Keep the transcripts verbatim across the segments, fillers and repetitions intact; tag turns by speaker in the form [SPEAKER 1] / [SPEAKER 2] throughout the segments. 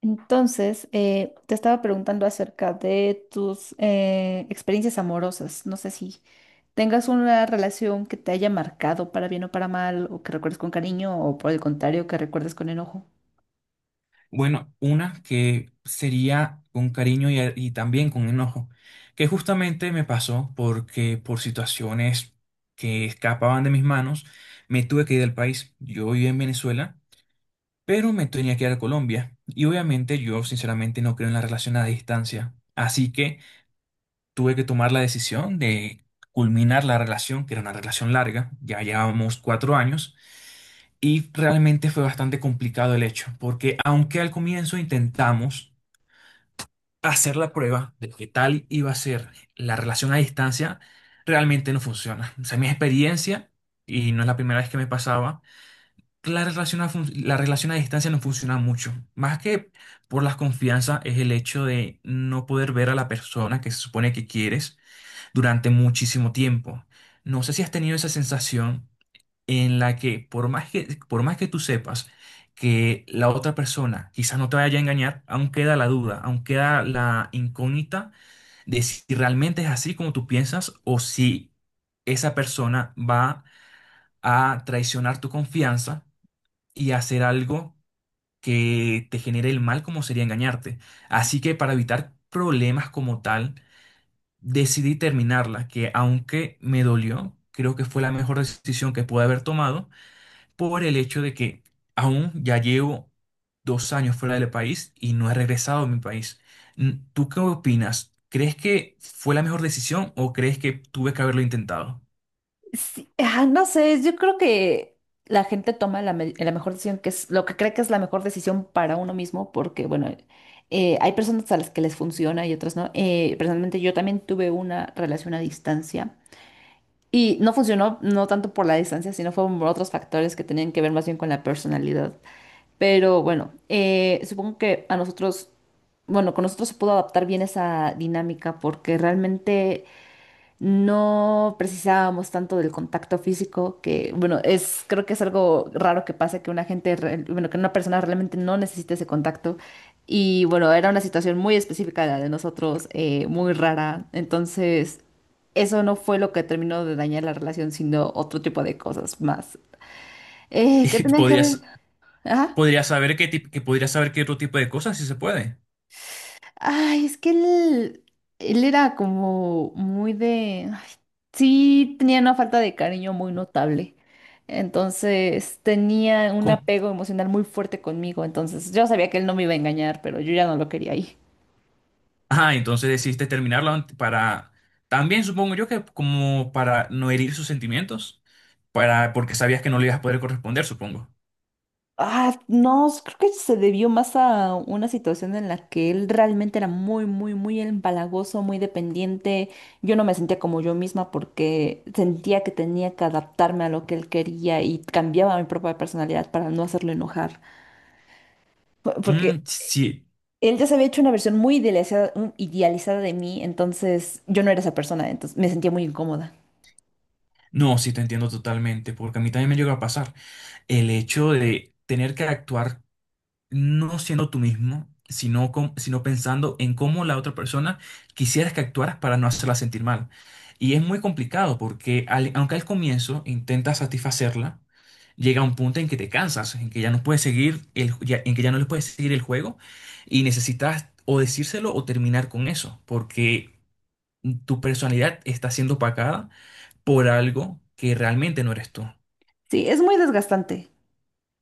[SPEAKER 1] Entonces, eh, te estaba preguntando acerca de tus eh, experiencias amorosas. No sé si tengas una relación que te haya marcado para bien o para mal, o que recuerdes con cariño, o por el contrario, que recuerdes con enojo.
[SPEAKER 2] Bueno, una que sería con cariño y, y también con enojo, que justamente me pasó porque por situaciones que escapaban de mis manos, me tuve que ir del país. Yo vivía en Venezuela, pero me tenía que ir a Colombia. Y obviamente yo sinceramente no creo en la relación a distancia. Así que tuve que tomar la decisión de culminar la relación, que era una relación larga, ya llevábamos cuatro años, y realmente fue bastante complicado el hecho, porque aunque al comienzo intentamos hacer la prueba de qué tal iba a ser la relación a distancia realmente no funciona. O sea, mi experiencia, y no es la primera vez que me pasaba, que la relación a, fun- la relación a distancia no funciona mucho. Más que por las confianzas es el hecho de no poder ver a la persona que se supone que quieres durante muchísimo tiempo. No sé si has tenido esa sensación en la que por más que, por más que tú sepas que la otra persona quizás no te vaya a engañar, aún queda la duda, aún queda la incógnita de si realmente es así como tú piensas o si esa persona va a traicionar tu confianza y hacer algo que te genere el mal como sería engañarte. Así que para evitar problemas como tal, decidí terminarla, que aunque me dolió, creo que fue la mejor decisión que pude haber tomado por el hecho de que aún ya llevo dos años fuera del país y no he regresado a mi país. Mm, ¿tú qué opinas? ¿Crees que fue la mejor decisión o crees que tuve que haberlo intentado?
[SPEAKER 1] Sí, ah, no sé, yo creo que la gente toma la, me- la mejor decisión, que es lo que cree que es la mejor decisión para uno mismo, porque, bueno, eh, hay personas a las que les funciona y otras no. Eh, personalmente, yo también tuve una relación a distancia. Y no funcionó no tanto por la distancia, sino fueron por otros factores que tenían que ver más bien con la personalidad. Pero bueno, eh, supongo que a nosotros, bueno, con nosotros se pudo adaptar bien esa dinámica porque realmente no precisábamos tanto del contacto físico, que bueno, es, creo que es algo raro que pase que una gente, re- bueno, que una persona realmente no necesite ese contacto. Y bueno, era una situación muy específica la de nosotros, eh, muy rara. Entonces, eso no fue lo que terminó de dañar la relación, sino otro tipo de cosas más. Eh, ¿qué
[SPEAKER 2] Y
[SPEAKER 1] tenían que ver?
[SPEAKER 2] podrías,
[SPEAKER 1] Ajá.
[SPEAKER 2] podrías saber qué tip- que podrías saber qué otro tipo de cosas si se puede.
[SPEAKER 1] Ay, es que él, él era como muy de... ay, sí, tenía una falta de cariño muy notable. Entonces tenía un
[SPEAKER 2] ¿Cómo?
[SPEAKER 1] apego emocional muy fuerte conmigo. Entonces yo sabía que él no me iba a engañar, pero yo ya no lo quería ahí.
[SPEAKER 2] Ah, entonces decidiste terminarlo ant- para también supongo yo que como para no herir sus sentimientos, para porque sabías que no le ibas a poder corresponder, supongo.
[SPEAKER 1] Ah, no, s- creo que se debió más a una situación en la que él realmente era muy, muy, muy empalagoso, muy dependiente. Yo no me sentía como yo misma porque sentía que tenía que adaptarme a lo que él quería y cambiaba mi propia personalidad para no hacerlo enojar. Po- Porque
[SPEAKER 2] Mm, sí.
[SPEAKER 1] él ya se había hecho una versión muy idealizada, un- idealizada de mí, entonces yo no era esa persona, entonces me sentía muy incómoda.
[SPEAKER 2] No, sí te entiendo totalmente, porque a mí también me llegó a pasar. El hecho de tener que actuar no siendo tú mismo, sino, com- sino pensando en cómo la otra persona quisieras que actuaras para no hacerla sentir mal. Y es muy complicado porque al- aunque al comienzo intentas satisfacerla, llega un punto en que te cansas, en que ya no puedes seguir el, ya- en que ya no le puedes seguir el juego y necesitas o decírselo o terminar con eso, porque tu personalidad está siendo opacada por algo que realmente no eres tú.
[SPEAKER 1] Sí, es muy desgastante.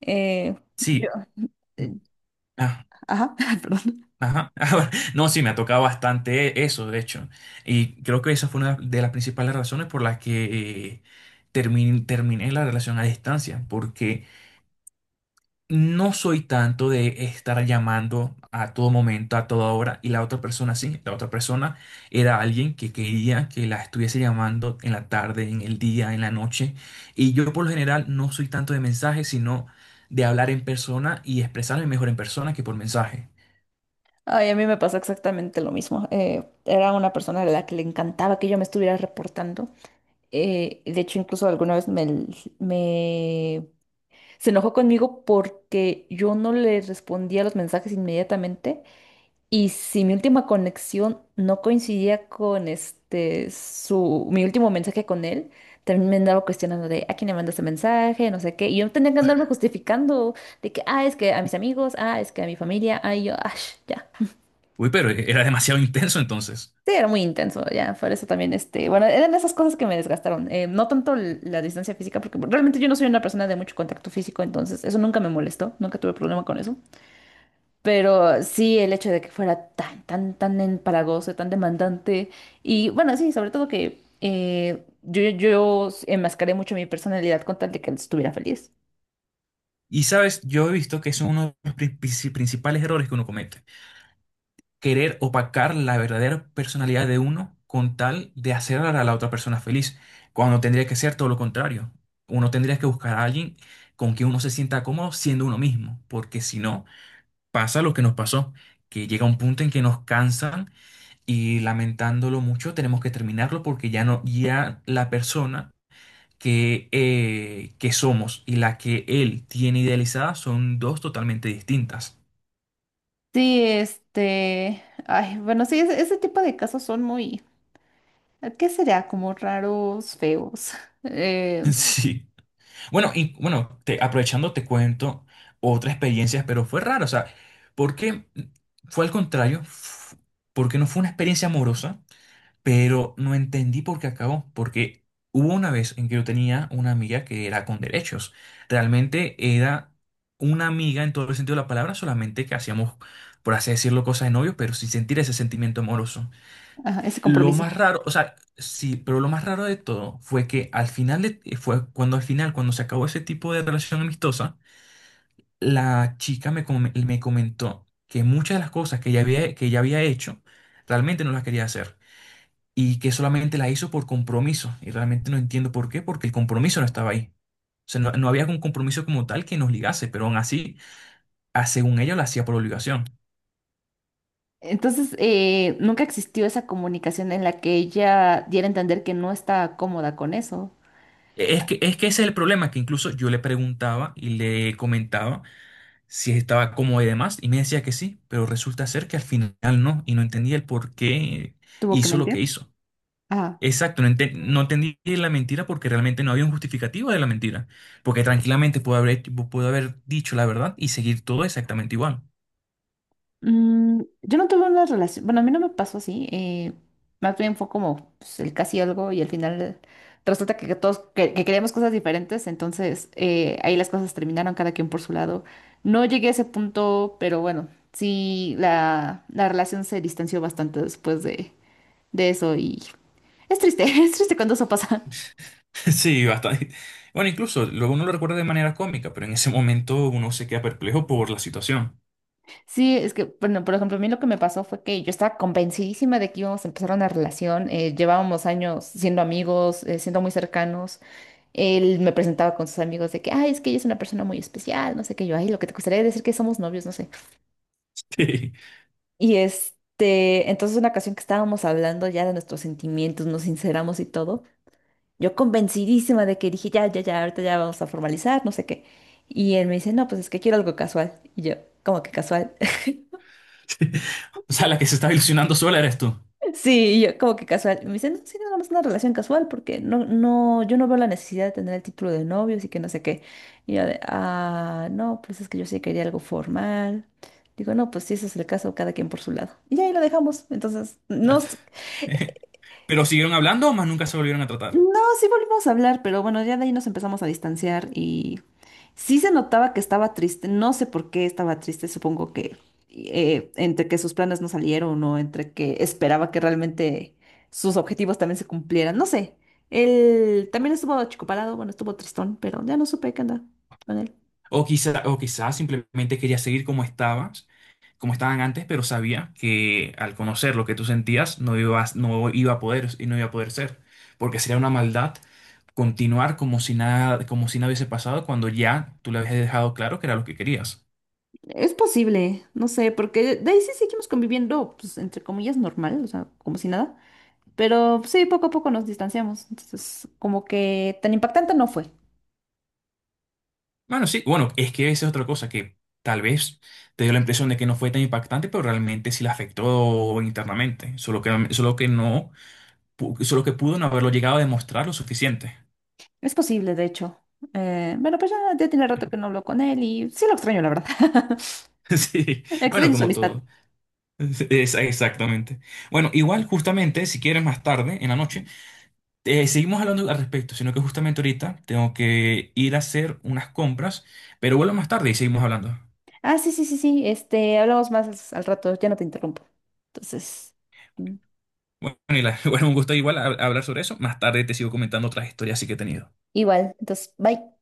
[SPEAKER 1] Eh, yo,
[SPEAKER 2] Sí.
[SPEAKER 1] eh,
[SPEAKER 2] ah
[SPEAKER 1] ajá, perdón.
[SPEAKER 2] Ajá. No, sí, me ha tocado bastante eso, de hecho. Y creo que esa fue una de las principales razones por las que eh, termin- terminé la relación a distancia, porque no soy tanto de estar llamando a todo momento, a toda hora, y la otra persona sí, la otra persona era alguien que quería que la estuviese llamando en la tarde, en el día, en la noche, y yo por lo general no soy tanto de mensajes, sino de hablar en persona y expresarme mejor en persona que por mensaje.
[SPEAKER 1] Ay, a mí me pasó exactamente lo mismo. Eh, era una persona a la que le encantaba que yo me estuviera reportando. Eh, de hecho, incluso alguna vez me, me- se enojó conmigo porque yo no le respondía los mensajes inmediatamente. Y si mi última conexión no coincidía con este su mi último mensaje con él, también me andaba cuestionando de a quién le mandó este mensaje, no sé qué. Y yo tenía que andarme justificando de que ah, es que a mis amigos, ah, es que a mi familia, ah, y yo, ah, ya.
[SPEAKER 2] Uy, pero e-, era demasiado intenso entonces.
[SPEAKER 1] Sí, era muy intenso, ya, por eso también, este, bueno, eran esas cosas que me desgastaron, eh, no tanto l- la distancia física, porque realmente yo no soy una persona de mucho contacto físico, entonces eso nunca me molestó, nunca tuve problema con eso, pero sí el hecho de que fuera tan, tan, tan empalagoso, tan demandante, y bueno, sí, sobre todo que eh, yo, yo enmascaré mucho mi personalidad con tal de que él estuviera feliz.
[SPEAKER 2] Y sabes, yo he visto que es uno de los princi- principales errores que uno comete. Querer opacar la verdadera personalidad de uno con tal de hacer a la otra persona feliz, cuando tendría que ser todo lo contrario. Uno tendría que buscar a alguien con quien uno se sienta cómodo siendo uno mismo, porque si no, pasa lo que nos pasó, que llega un punto en que nos cansan y lamentándolo mucho tenemos que terminarlo porque ya no, ya la persona que, eh, que somos y la que él tiene idealizada son dos totalmente distintas.
[SPEAKER 1] Sí, este, ay, bueno, sí, ese, ese tipo de casos son muy, ¿qué será? Como raros, feos. Eh,
[SPEAKER 2] Sí. Bueno, y bueno, te- aprovechando te cuento otra experiencia, pero fue rara, o sea, porque fue al contrario, f- porque no fue una experiencia amorosa, pero no entendí por qué acabó, porque hubo una vez en que yo tenía una amiga que era con derechos, realmente era una amiga en todo el sentido de la palabra, solamente que hacíamos, por así decirlo, cosas de novio, pero sin sentir ese sentimiento amoroso.
[SPEAKER 1] Ajá, ese
[SPEAKER 2] Lo
[SPEAKER 1] compromiso.
[SPEAKER 2] más raro, o sea, sí, pero lo más raro de todo fue que al final, de- eh, fue cuando al final, cuando se acabó ese tipo de relación amistosa, la chica me, com- me comentó que muchas de las cosas que ella había, que ella había hecho, realmente no las quería hacer y que solamente la hizo por compromiso. Y realmente no entiendo por qué, porque el compromiso no estaba ahí. O sea, no, no había un compromiso como tal que nos ligase, pero aún así, ah, según ella, lo hacía por obligación.
[SPEAKER 1] Entonces, eh, nunca existió esa comunicación en la que ella diera a entender que no está cómoda con eso.
[SPEAKER 2] E, Es que, es que ese es el problema, que incluso yo le preguntaba y le comentaba si estaba cómoda y demás, y me decía que sí, pero resulta ser que al final no, y no entendía el por qué
[SPEAKER 1] ¿Tuvo que
[SPEAKER 2] hizo lo que
[SPEAKER 1] mentir?
[SPEAKER 2] hizo.
[SPEAKER 1] Ah,
[SPEAKER 2] Exacto, no, enten- no entendí la mentira porque realmente no había un justificativo de la mentira, porque tranquilamente pudo haber, hecho- pudo haber dicho la verdad y seguir todo exactamente igual.
[SPEAKER 1] mm, yo no tuve una relación, bueno, a mí no me pasó así. Eh, más bien fue como pues, el casi algo y al final resulta que, que todos que, que queríamos cosas diferentes, entonces eh, ahí las cosas terminaron cada quien por su lado. No llegué a ese punto, pero bueno, sí, la, la relación se distanció bastante después de, de eso. Es triste, es triste cuando eso pasa.
[SPEAKER 2] Sí, bastante. Bueno, incluso luego uno lo recuerda de manera cómica, pero en ese momento uno se queda perplejo por la situación.
[SPEAKER 1] Sí, es que, bueno, por ejemplo, a mí lo que me pasó fue que yo estaba convencidísima de que íbamos a empezar una relación. Eh, llevábamos años siendo amigos, eh, siendo muy cercanos. Él me presentaba con sus amigos de que, ay, es que ella es una persona muy especial, no sé qué yo, ay, lo que te gustaría decir que somos novios, no sé.
[SPEAKER 2] Sí,
[SPEAKER 1] Y este, entonces una ocasión que estábamos hablando ya de nuestros sentimientos, nos sinceramos y todo, yo convencidísima de que dije, ya, ya, ya, ahorita ya vamos a formalizar, no sé qué. Y él me dice, no, pues es que quiero algo casual. Y yo, ¿cómo que casual?
[SPEAKER 2] sí. O sea, la que se estaba ilusionando sola eres tú.
[SPEAKER 1] Sí, y yo como que casual. Y me dice no, sí, nada más una relación casual, porque no, no, yo no veo la necesidad de tener el título de novio, así que no sé qué. Y yo de, ah, no, pues es que yo sí quería algo formal. Digo, no, pues si ese es el caso, cada quien por su lado. Y ahí lo dejamos. Entonces, no, s-
[SPEAKER 2] Pero siguieron hablando, más nunca se volvieron a
[SPEAKER 1] no,
[SPEAKER 2] tratar.
[SPEAKER 1] sí volvimos a hablar, pero bueno, ya de ahí nos empezamos a distanciar y sí se notaba que estaba triste. No sé por qué estaba triste, supongo que eh, entre que sus planes no salieron o entre que esperaba que realmente sus objetivos también se cumplieran. No sé. Él también estuvo achicopalado, bueno, estuvo tristón, pero ya no supe qué anda con él.
[SPEAKER 2] O quizá, o quizás simplemente quería seguir como estabas, como estaban antes, pero sabía que al conocer lo que tú sentías no ibas, no iba a poder y no iba a poder ser, porque sería una maldad continuar como si nada, como si nada hubiese pasado cuando ya tú le habías dejado claro que era lo que querías.
[SPEAKER 1] Es posible, no sé, porque de ahí sí seguimos conviviendo, pues entre comillas, normal, o sea, como si nada. Pero sí, poco a poco nos distanciamos. Entonces, como que tan impactante no fue.
[SPEAKER 2] Bueno, sí, bueno, es que esa es otra cosa que tal vez te dio la impresión de que no fue tan impactante, pero realmente sí la afectó internamente, solo que, solo que no, pu- solo que pudo no haberlo llegado a demostrar lo suficiente.
[SPEAKER 1] Es posible, de hecho. Eh, bueno, pues ya, ya tiene rato que no hablo con él y sí lo extraño, la verdad.
[SPEAKER 2] Sí, bueno,
[SPEAKER 1] Extraño su
[SPEAKER 2] como
[SPEAKER 1] amistad.
[SPEAKER 2] todo. Es- exactamente. Bueno, igual justamente, si quieres más tarde, en la noche, eh, seguimos hablando al respecto, sino que justamente ahorita tengo que ir a hacer unas compras, pero vuelvo más tarde y seguimos hablando.
[SPEAKER 1] Ah, sí, sí, sí, sí. Este, hablamos más al rato, ya no te interrumpo. Entonces, mm,
[SPEAKER 2] Bueno, y la- bueno, un gusto igual hab- hablar sobre eso. Más tarde te sigo comentando otras historias sí que he tenido.
[SPEAKER 1] igual. Entonces, bye.